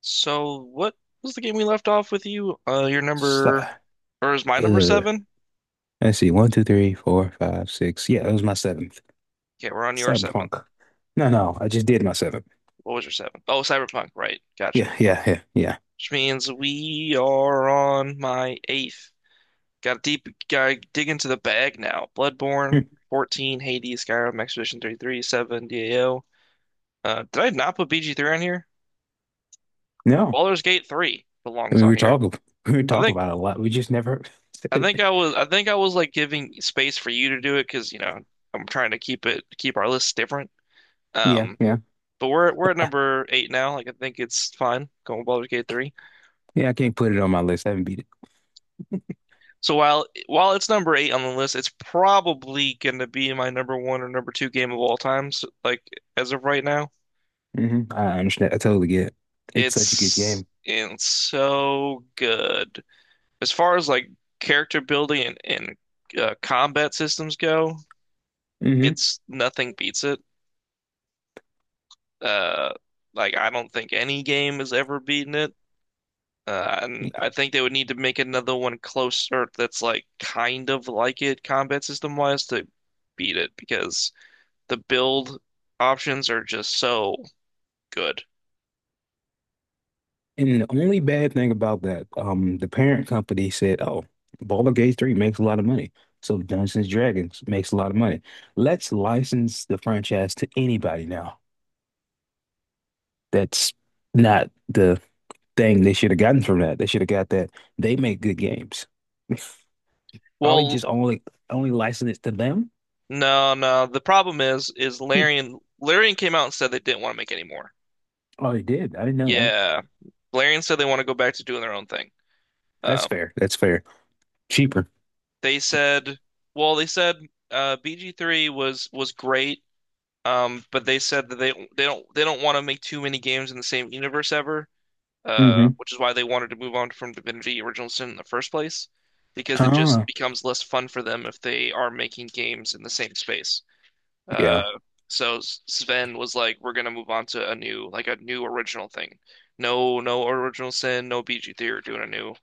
So, what was the game we left off with you? Your So, number, or is my number uh, seven? let's see, one, two, three, four, five, six. Yeah, it was my seventh. Okay, we're on your seventh. Cyberpunk. No, no, I just did my seventh. What was your seventh? Oh, Cyberpunk, right. Gotcha. Yeah, yeah, yeah, yeah. Which means we are on my eighth. Got to deep, gotta dig into the bag now. Bloodborne, Hmm. 14, Hades, Skyrim, Expedition 33, 7, DAO. Did I not put BG3 on here? No, Baldur's Gate 3 I belongs mean, on here. We were I talking think, about it a lot. We just never said it. I think I was like giving space for you to do it because, you know, I'm trying to keep it, keep our lists different. Yeah, Um, yeah, but we're at number eight now. Like I think it's fine going with Baldur's Gate 3. yeah. I can't put it on my list. I haven't beat it. So while it's number eight on the list, it's probably gonna be my number one or number two game of all time. So, like as of right now, Hmm. I understand. I totally get it. It's such a good it's game. it's so good. As far as like character building and combat systems go, Hmm it's nothing beats it. Uh, like I don't think any game has ever beaten it. And I think they would need to make another one closer that's like kind of like it combat system wise to beat it because the build options are just so good. And the only bad thing about that, the parent company said, "Oh, Baldur's Gate 3 makes a lot of money, so Dungeons and Dragons makes a lot of money. Let's license the franchise to anybody now." That's not the thing they should have gotten from that. They should have got that they make good games. Probably Well, just only license it to them. no, no. The problem is Hmm. Larian came out and said they didn't want to make any more. Oh, they did. I didn't know that. Yeah, Larian said they want to go back to doing their own thing. That's Uh, fair. That's fair. Cheaper. they said, well, they said BG3 was great. But they said that they don't want to make too many games in the same universe ever. Hmm Which is why they wanted to move on from Divinity Original Sin in the first place, because it just Ah, becomes less fun for them if they are making games in the same space. yeah. Uh, so Sven was like, "We're gonna move on to a new, like a new original thing. No, no Original Sin, no BG Theory. We're doing a new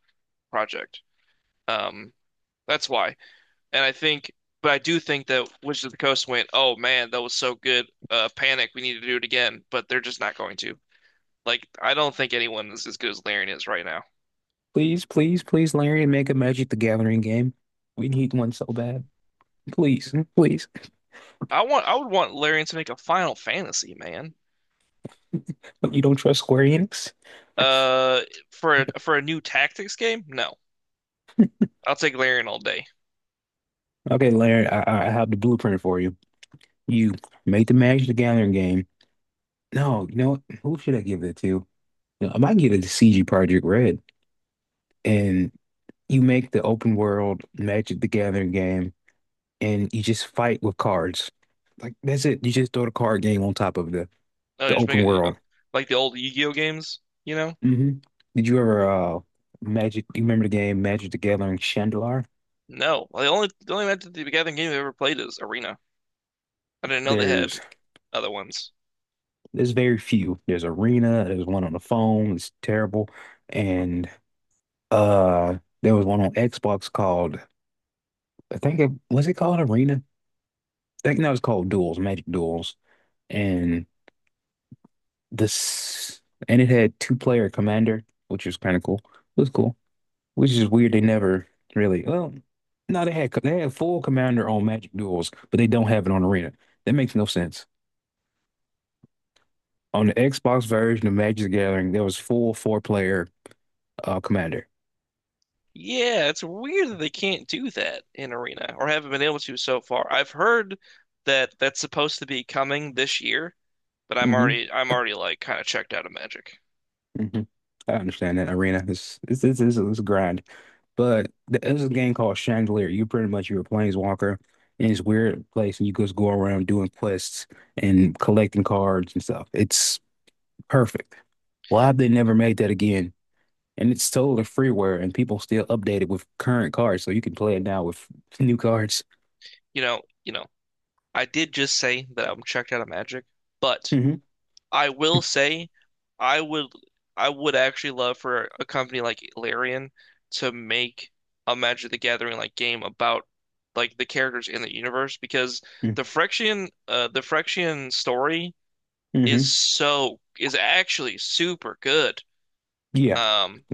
project." Um, that's why, and I think, but I do think that Wizards of the Coast went, "Oh man, that was so good." Panic, we need to do it again, but they're just not going to. Like, I don't think anyone is as good as Larian is right now. Please, please, please, Larry, make a Magic the Gathering game. We need one so bad. Please, please. I would want Larian to make a Final Fantasy, man. You don't trust Square Enix? Uh, for for a new tactics game? No, I'll take Larian all day. Okay, Larry, I have the blueprint for you. You made the Magic the Gathering game. No, you know what? Who should I give it to? You know, I might give it to CG Project Red. And you make the open world Magic the Gathering game, and you just fight with cards. Like that's it. You just throw the card game on top of the the Just open make it world. like the old Yu-Gi-Oh games, you know? Hmm Did you ever Magic? You remember the game Magic the Gathering Chandelier? No, the only Magic the Gathering game I've ever played is Arena. I didn't know they had There's other ones. There's very few. There's Arena, there's one on the phone, it's terrible. And there was one on Xbox called, I think it was, it called Arena? I think that was called Duels, Magic Duels. And this, and it had two player commander, which was kind of cool. It was cool. Which is weird they never really, well no, they had, they had full commander on Magic Duels, but they don't have it on Arena. That makes no sense. On the Xbox version of Magic the Gathering, there was full four player commander. Yeah, it's weird that they can't do that in Arena or haven't been able to so far. I've heard that that's supposed to be coming this year, but Mhm. I'm already like kind of checked out of Magic. hmm I understand that arena is it's a grind, but there's a game called Chandelier. You pretty much you're a planeswalker in this weird place, and you just go around doing quests and collecting cards and stuff. It's perfect. Why have they never made that again? And it's totally freeware, and people still update it with current cards, so you can play it now with new cards. You know, I did just say that I'm checked out of Magic, but Hmm I will say I would I would actually love for a company like Larian to make a Magic the Gathering like game about like the characters in the universe because hmm the Phyrexian story is actually super good. Yeah. Um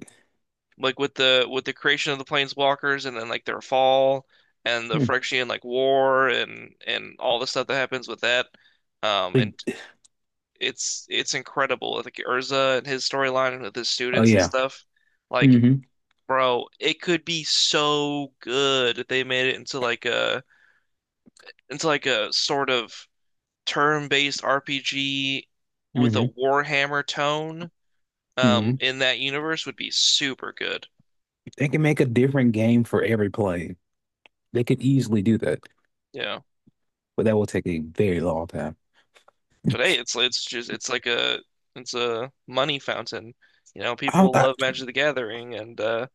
like with the creation of the planeswalkers and then like their fall and the Mm. Phyrexian like war and all the stuff that happens with that, and Like, it's incredible like Urza and his storyline with his oh students and yeah. stuff like hmm bro it could be so good if they made it into like a sort of turn-based RPG with a hmm Warhammer tone hmm in that universe would be super good, They can make a different game for every play. They could easily do that, yeah. but that will take a very long time. But hey, it's like a it's a money fountain. You know, I don't, people I, love Magic the Gathering, and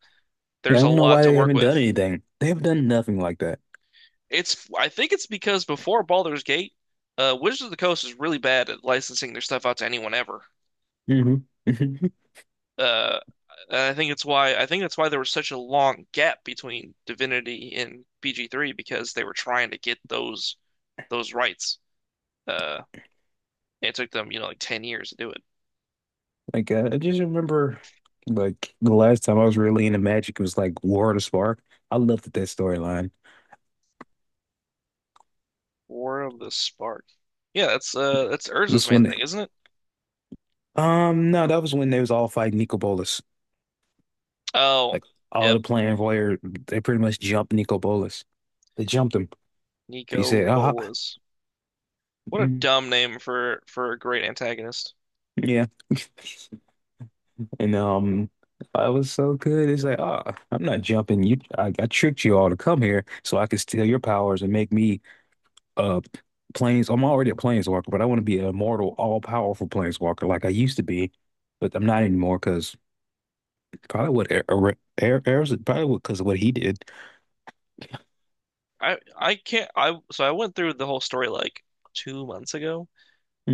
yeah, I there's a don't know lot why to they work haven't with. done anything. They have done nothing like that. It's I think it's because before Baldur's Gate, Wizards of the Coast is really bad at licensing their stuff out to anyone ever. Hmm Uh, and I think it's why I think that's why there was such a long gap between Divinity and BG3 because they were trying to get those rights. Uh, and it took them, you know, like 10 years to do it. Like I just remember, like the last time I was really into Magic, it was like War of the Spark. I loved that storyline. War of the Spark. Yeah, that's Urza's This main one, thing, isn't it? No, that was when they was all fighting Nico Bolas. Oh, Like all yep, the Plan Voyeur, they pretty much jumped Nico Bolas. They jumped him. He Nico said, "Ah, ah, Bolas. What a mm, dumb name for a great antagonist. yeah." And I was so good. It's like, ah, I'm not jumping. I tricked you all to come here so I could steal your powers and make me uh planes. I'm already a planeswalker, but I want to be an immortal, all-powerful planeswalker like I used to be, but I'm not anymore because probably what Air's probably because of what he did. I can't I So I went through the whole story like 2 months ago.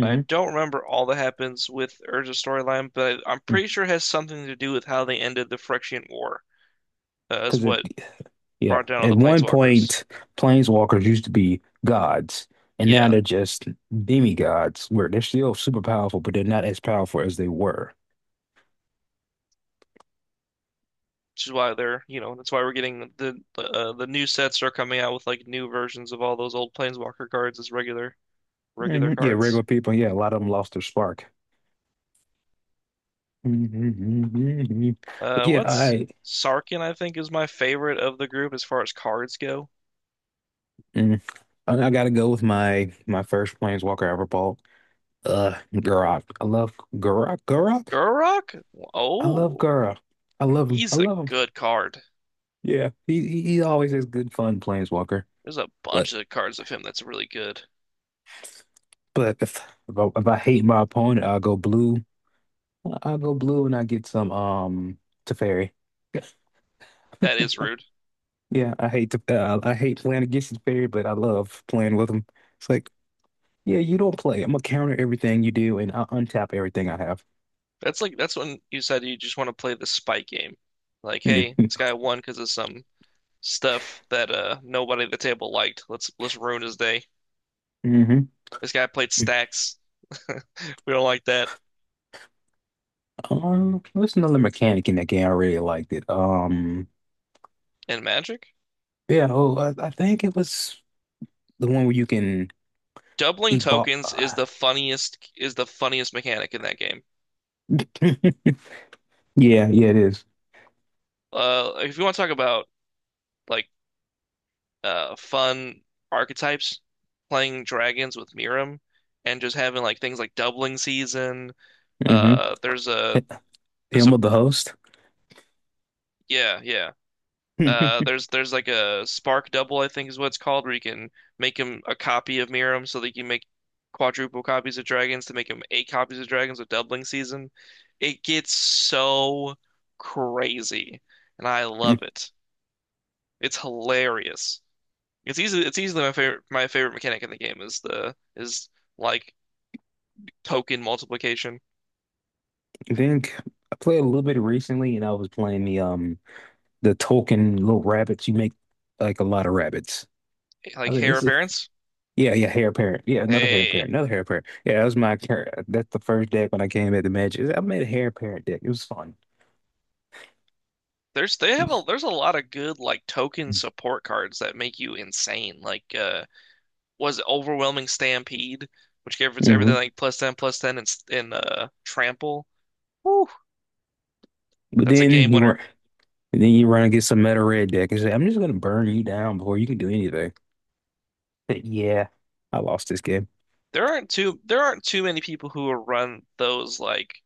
I don't remember all that happens with Urza's storyline, but I'm pretty sure it has something to do with how they ended the Phyrexian War. Is Because it, what yeah, brought down all at the one Planeswalkers. point, planeswalkers used to be gods, and now Yeah, they're just demigods, where they're still super powerful, but they're not as powerful as they were. which is why they're, you know, that's why we're getting the new sets are coming out with like new versions of all those old Planeswalker cards as regular Hmm Yeah, cards. regular people. Yeah, a lot of them lost their spark. Hmm But yeah, What's I Sarkin, I think, is my favorite of the group as far as cards go. mm, I gotta go with my first Planeswalker I ever bought. Gurok. I love Gurok. Gurok. Gurok? I love Oh, Gurok. I love him. I he's a love him. good card. Yeah, he always has good fun Planeswalker. There's a bunch But of cards of him that's really good. but if I hate my opponent, I'll go blue. I'll go blue and I get some Teferi. That is rude. Yeah, I hate to I hate playing against Teferi, but I love playing with him. It's like, yeah, you don't play. I'm gonna counter everything you do and I'll untap everything I have. That's like that's when you said you just want to play the spite game. Like, hey, Mm-hmm. this guy won because of some stuff that nobody at the table liked. Let's ruin his day. This guy played stacks. We don't like that. There's another mechanic in that game. I really liked it. Um, And Magic? yeah, oh, I, I think it was the one where you can Doubling tokens evolve. Is the funniest mechanic in that game. Yeah, yeah, it is. If you want to talk about like fun archetypes, playing dragons with Mirim, and just having like things like doubling season. Mm-hmm. Uh, there's a there's Him a of the host. Yeah, yeah. I There's like a spark double I think is what it's called where you can make him a copy of Mirim so that you can make quadruple copies of dragons to make him eight copies of dragons with doubling season. It gets so crazy, and I love it. It's hilarious. It's easily my favorite mechanic in the game is the is like token multiplication, think I played a little bit recently, and I was playing the token little rabbits. You make like a lot of rabbits. I like was like, hair this is appearance. Yeah, yeah, hair parent. Yeah, another hair Hey, parent, another hair parent. Yeah, that's the first deck when I came at the Magic. I made a hair parent deck. It was fun. there's they It have a was- there's a lot of good like token support cards that make you insane. Like was it Overwhelming Stampede, which gives everything Mhm. like plus ten and in Trample. Whew, But that's a game then you were, winner. And then you run against some meta red deck and say, "I'm just gonna burn you down before you can do anything." But yeah, I lost this game. There aren't too many people who will run those like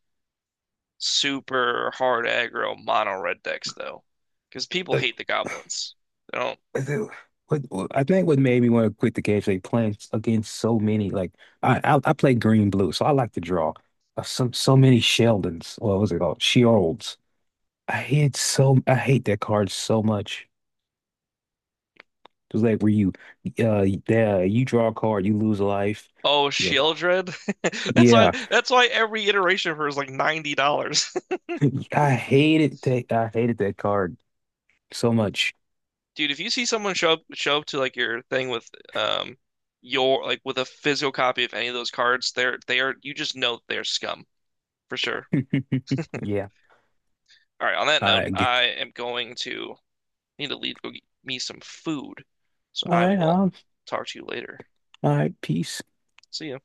super hard aggro mono red decks though, because people Like, hate the goblins. They don't. I think- what, I think what made me want to quit the game is like playing against so many. Like, I play green blue, so I like to draw some so many Sheldons. What was it called? Sheolds. I hate that card so much. Just like yeah, you draw a card, you lose a life. Oh, You're, a p- Shieldred. That's why. yeah. That's why every iteration of her is like $90. I hated that. I hated that card so much. Dude, if you see someone show up to like your thing with um your like with a physical copy of any of those cards, they are you just know they're scum for sure. Yeah. All right. On that note, I g- I am going to need to leave to go get me some food, so All I right. will talk to you later. All right. Peace. See ya.